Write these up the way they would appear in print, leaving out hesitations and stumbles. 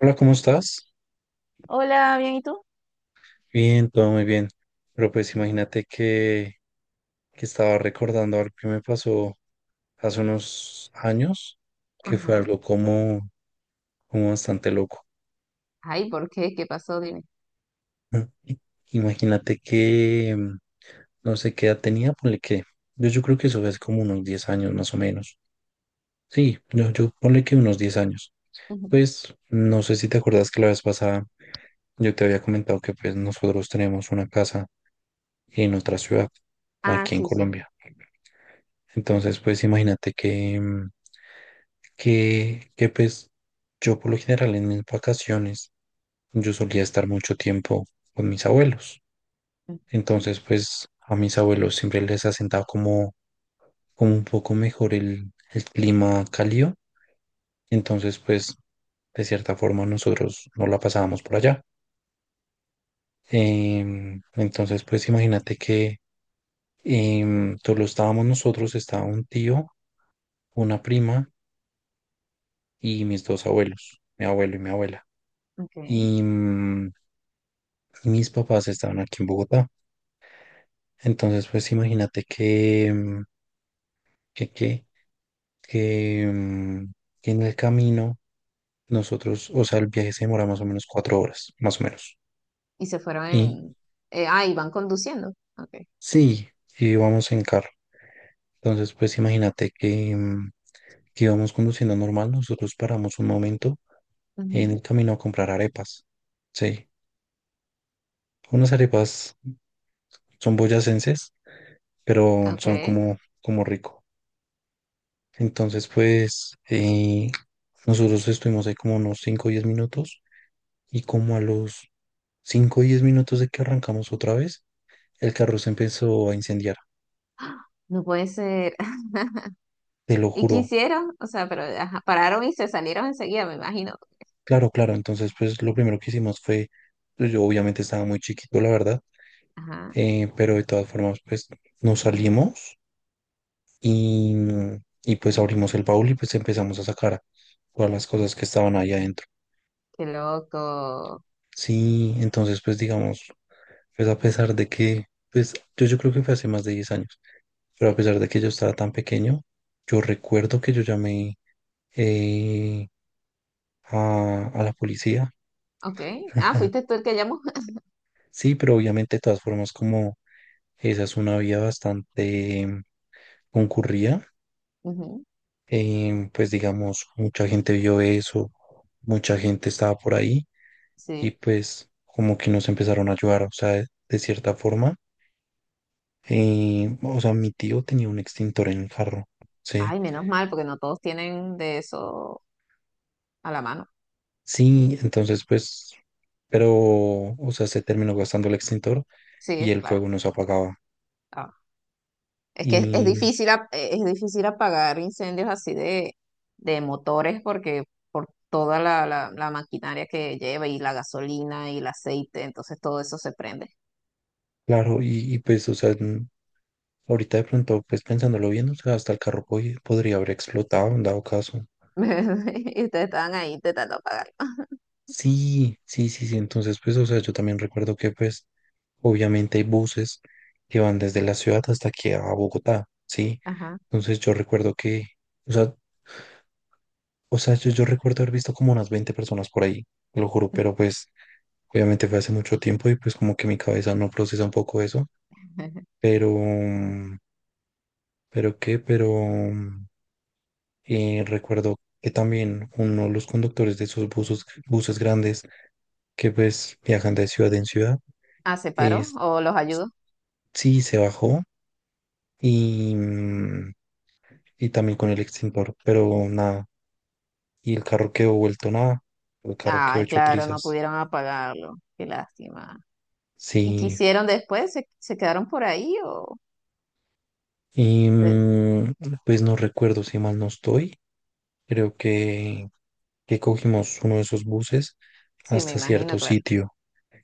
Hola, ¿cómo estás? Hola, bien, ¿y tú? Bien, todo muy bien. Pero pues imagínate que estaba recordando algo que me pasó hace unos años, que fue Ajá. algo como, como bastante loco. Ay, ¿por qué? ¿Qué pasó? Dime. Imagínate que no sé qué edad tenía, ponle que. Yo creo que eso es como unos 10 años más o menos. Sí, yo ponle que unos 10 años. Ujú. Pues no sé si te acuerdas que la vez pasada yo te había comentado que pues nosotros tenemos una casa en otra ciudad, Ah, aquí en sí, sí. Colombia. Entonces, pues imagínate que pues yo por lo general en mis vacaciones yo solía estar mucho tiempo con mis abuelos. Ujú. Entonces, pues a mis abuelos siempre les ha sentado como, como un poco mejor el clima cálido. Entonces, pues de cierta forma nosotros no la pasábamos por allá. Entonces, pues imagínate que solo estábamos nosotros, estaba un tío, una prima y mis dos abuelos, mi abuelo y mi abuela. Ok. Y, y mis papás estaban aquí en Bogotá. Entonces, pues imagínate que, que, que, mm, que en el camino nosotros, o sea, el viaje se demora más o menos 4 horas, más o menos. Y se fueron Y ah, y van conduciendo. Ok. sí, y íbamos en carro. Entonces, pues imagínate que íbamos conduciendo normal, nosotros paramos un momento en el Ujú. camino a comprar arepas. Sí, unas arepas son boyacenses, pero Ok. son como, como rico. Entonces, pues, nosotros estuvimos ahí como unos 5 o 10 minutos y como a los 5 o 10 minutos de que arrancamos otra vez, el carro se empezó a incendiar, No puede ser. te lo ¿Y qué juro. hicieron? O sea, pero ajá, pararon y se salieron enseguida, me imagino. Claro, claro, entonces, pues, lo primero que hicimos fue, pues, yo obviamente estaba muy chiquito, la verdad, Ajá. Pero de todas formas, pues, nos salimos y, y pues abrimos el baúl y pues empezamos a sacar todas las cosas que estaban ahí adentro. Qué loco. Sí, entonces pues digamos, pues a pesar de que, pues yo creo que fue hace más de 10 años, pero a Sí. pesar de que yo estaba tan pequeño, yo recuerdo que yo llamé eh, a la policía. Ok. Ah, fuiste tú el que llamó. Sí, pero obviamente de todas formas como esa es una vía bastante concurrida, Ujú. Pues digamos, mucha gente vio eso, mucha gente estaba por ahí y Sí. pues como que nos empezaron a ayudar, o sea, de cierta forma. O sea, mi tío tenía un extintor en el carro, ¿sí? Ay, menos mal, porque no todos tienen de eso a la mano. Sí, entonces pues, pero, o sea, se terminó gastando el extintor y Sí, el claro. fuego no se apagaba. Ah. Es que es Y difícil, es difícil apagar incendios así de motores porque por toda la maquinaria que lleva y la gasolina y el aceite, entonces todo eso se prende. claro, pues, o sea, ahorita de pronto, pues pensándolo bien, o sea, hasta el carro podría haber explotado en dado caso. Y ustedes estaban ahí intentando apagarlo. Sí, sí, sí, sí, entonces pues, o sea, yo también recuerdo que pues, obviamente hay buses que van desde la ciudad hasta aquí a Bogotá, ¿sí? Ajá. Entonces yo recuerdo que... O sea, o sea, yo recuerdo haber visto como unas 20 personas por ahí, lo juro, pero pues obviamente fue hace mucho tiempo y pues como que mi cabeza no procesa un poco eso, pero, pero qué, pero mm, recuerdo que también uno de los conductores de esos buses, buses grandes que pues viajan de ciudad en ciudad, Ah, ¿se paró? es, ¿O los ayudó? sí se bajó y, y también con el extintor, pero nada, y el carro quedó vuelto nada, el carro quedó Ay, hecho claro, no trizas, pudieron apagarlo. Qué lástima. ¿Y qué sí. hicieron después? ¿Se quedaron por ahí o...? Y se- pues no recuerdo si mal no estoy. Creo que cogimos uno de esos buses Sí, me hasta cierto imagino, claro. sitio.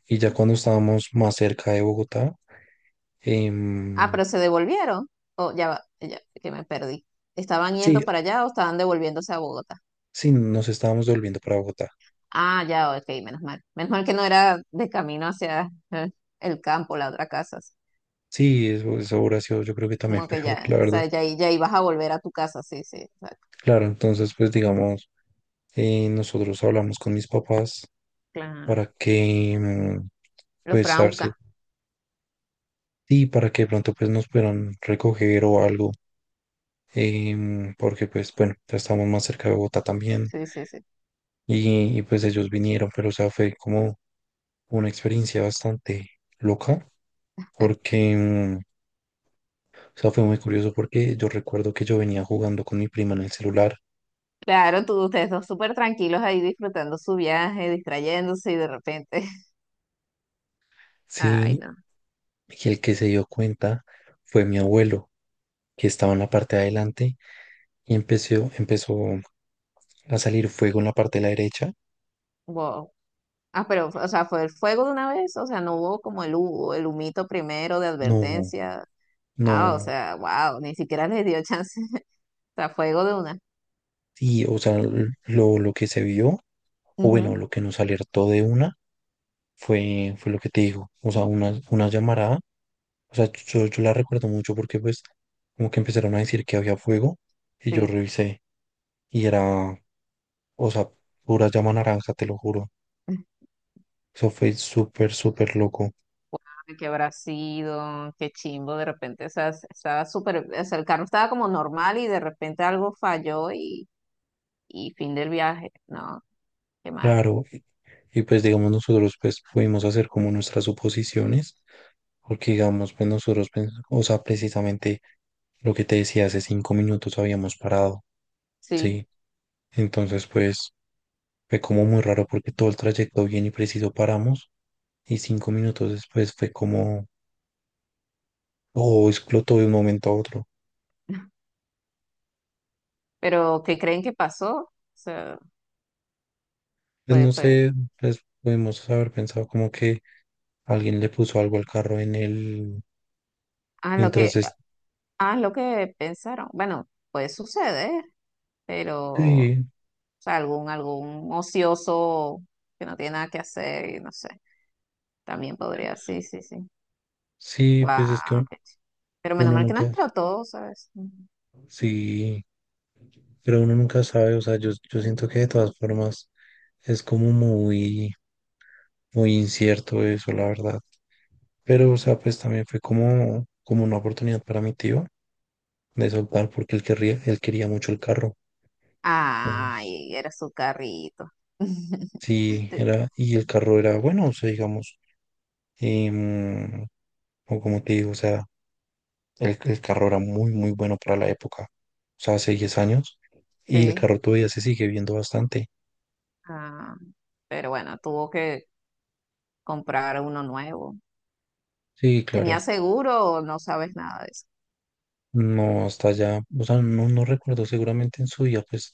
Y ya cuando estábamos más cerca de Bogotá, Ah, em, pero se devolvieron. Oh, ya va, ya, que me perdí. ¿Estaban sí, yendo para allá o estaban devolviéndose a Bogotá? sí, nos estábamos volviendo para Bogotá. Ah, ya, ok, menos mal. Menos mal que no era de camino hacia el campo, la otra casa. Así. Sí, eso hubiera sido yo creo que también Como que peor, ya, la o verdad. sea, ya, ya ibas a volver a tu casa, sí, sí, exacto. Claro, entonces pues digamos, nosotros hablamos con mis papás Claro. para Los pues, fueron a a ver si, buscar. sí, para que de pronto pues nos puedan recoger o algo, porque pues bueno, ya estamos más cerca de Bogotá también Sí, sí, sí. Y, pues ellos vinieron, pero o sea, fue como una experiencia bastante loca porque, o sea, fue muy curioso porque yo recuerdo que yo venía jugando con mi prima en el celular, Claro, tú, ustedes dos súper tranquilos ahí disfrutando su viaje, distrayéndose y de repente. Ay, sí, no. y el que se dio cuenta fue mi abuelo, que estaba en la parte de adelante y empezó a salir fuego en la parte de la derecha. Wow. Ah, pero, o sea, fue el fuego de una vez, o sea, no hubo como el humito primero de No, advertencia. Ah, o no. sea, wow, ni siquiera les dio chance. O sea, fuego de una. Y, o sea, lo que se vio, o bueno, Ujú, lo que nos alertó de una, fue lo que te digo. O sea, una llamarada, o sea, yo la recuerdo mucho porque pues como que empezaron a decir que había fuego y yo sí. revisé y era, o sea, pura llama naranja, te lo juro. Eso fue súper, súper loco. Ay, qué habrá sido, qué chimbo, de repente, o sea, estaba súper, o sea, el carro estaba como normal y de repente algo falló y fin del viaje. No, qué mal. Claro, y, pues digamos nosotros pues pudimos hacer como nuestras suposiciones, porque digamos pues nosotros, o sea, precisamente lo que te decía, hace 5 minutos habíamos parado. Sí, Sí, entonces pues fue como muy raro porque todo el trayecto bien y preciso paramos y 5 minutos después fue como, oh, explotó de un momento a otro. pero ¿qué creen que pasó? O sea, Pues fue, no fue, sé, pues podemos haber pensado como que alguien le puso algo al carro en el, ah, lo mientras que, es... ah, lo que pensaron. Bueno, puede suceder, pero, o Sí, sea, algún ocioso que no tiene nada que hacer y no sé, también podría, sí, sí, sí. sí, pues es Wow, que pero menos uno mal que no nunca, explotó, ¿sabes? Ujú. sí, pero uno nunca sabe, o sea, yo siento que de todas formas es como muy, muy incierto eso, la verdad. Pero, o sea, pues también fue como, como una oportunidad para mi tío de soltar porque él querría, él quería mucho el carro. Entonces, Ay, era su carrito. sí, Te- era, y el carro era bueno, o sea, digamos, em, o como te digo, o sea, el carro era muy, muy bueno para la época, o sea, hace 10 años, y el Sí. carro todavía se sigue viendo bastante. Ah, pero bueno, tuvo que comprar uno nuevo. Sí, ¿Tenía claro, seguro o no sabes nada de eso? no, hasta allá, o sea, no, no recuerdo, seguramente en su día, pues,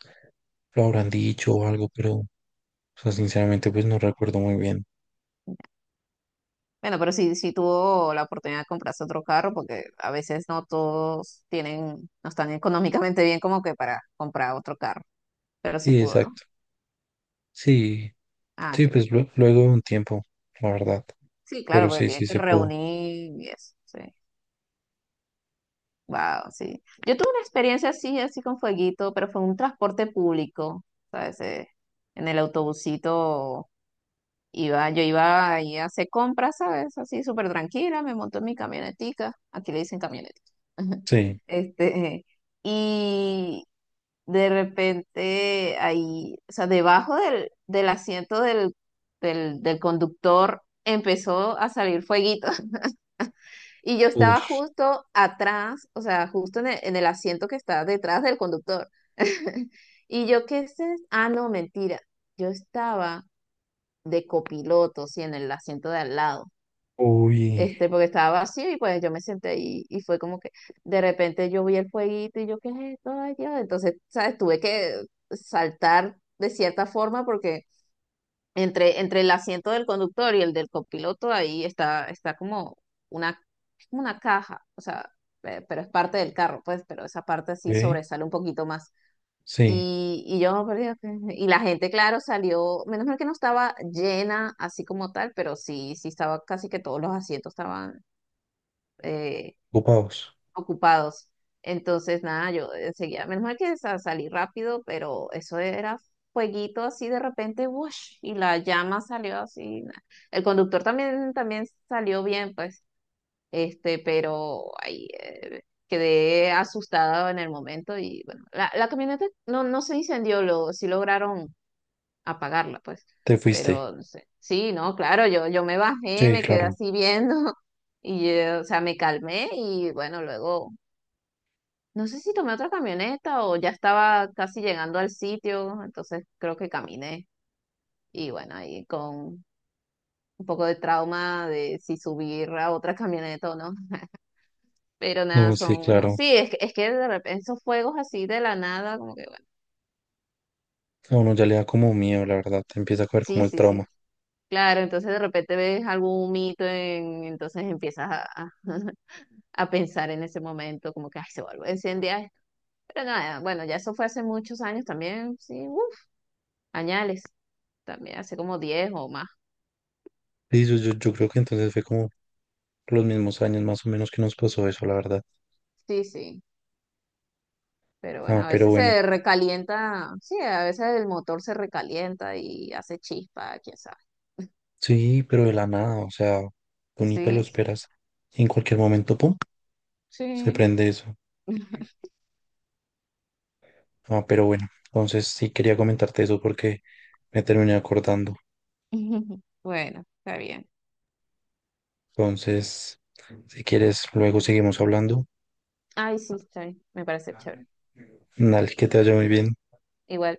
lo habrán dicho o algo, pero, o sea, sinceramente, pues no recuerdo muy bien. Bueno, pero sí, sí tuvo la oportunidad de comprarse otro carro porque a veces no todos tienen, no están económicamente bien como que para comprar otro carro, pero sí Sí, pudo, ¿no? exacto. Sí, Ah, sí, qué bien. pues luego de un tiempo, la verdad. Sí, Pero claro, porque sí, tiene sí que se pudo. reunir y eso, sí. Wow, sí. Yo tuve una experiencia así, así con fueguito, pero fue en un transporte público, ¿sabes? En el autobusito iba, yo iba ahí a hacer compras, ¿sabes? Así súper tranquila, me monto en mi camionetica, aquí le dicen camioneta. Sí. Este, y de repente ahí, o sea, debajo del asiento del conductor empezó a salir fueguito. Y yo estaba Ush. justo atrás, o sea, justo en el asiento que está detrás del conductor. Y yo, ¿qué es esto? Ah, no, mentira. Yo estaba de copiloto, sí, en el asiento de al lado. Uy, Porque estaba vacío y pues yo me senté ahí y fue como que de repente yo vi el fueguito y yo, ¿qué es esto? Ay, Dios. Entonces, ¿sabes? Tuve que saltar de cierta forma porque entre el asiento del conductor y el del copiloto, ahí está, está como una, es como una caja, o sea, pero es parte del carro, pues, pero esa parte sí ¿eh? sobresale un poquito más. Sí, Y yo, pero digo y la gente, claro, salió, menos mal que no estaba llena así como tal, pero sí, sí estaba casi que todos los asientos estaban eh, ocupados. ocupados. Entonces, nada, yo enseguida, menos mal que salí rápido, pero eso era fueguito así de repente, ¡wush! Y la llama salió así. El conductor también, también salió bien, pues, pero ahí quedé asustada en el momento y bueno, la camioneta no, no se incendió, sí lograron apagarla, pues, Te fuiste. pero no sé. Sí, no, claro, yo me bajé, Sí, me quedé claro. así viendo y, o sea, me calmé y bueno, luego no sé si tomé otra camioneta o ya estaba casi llegando al sitio, entonces creo que caminé. Y bueno, ahí con un poco de trauma de si subir a otra camioneta o no. Pero nada, No, sí, son... claro. Sí, es que de repente esos fuegos así de la nada, como que bueno. A uno ya le da como miedo, la verdad. Te empieza a coger como Sí, el sí, trauma. sí. Claro, entonces de repente ves algún mito, entonces empiezas a, a pensar en ese momento, como que ay, se vuelve a encender esto. Pero nada, bueno, ya eso fue hace muchos años también, sí, uf, añales, también hace como 10 o más. Sí, yo creo que entonces fue como los mismos años más o menos que nos pasó eso, la verdad. Sí, sí, pero bueno, Ah, a pero veces bueno. se recalienta, sí, a veces el motor se recalienta y hace chispa, quién sabe. Sí, pero de la nada, o sea, tú ni te lo Sí, sí, esperas. Y en cualquier momento, pum, se sí. prende eso. Ah, pero bueno, entonces sí quería comentarte eso porque me terminé acordando. Bueno, está bien. Entonces, si quieres, luego seguimos hablando. Ay, sí, está bien, me parece chévere. Dale, que te vaya muy bien. Igual.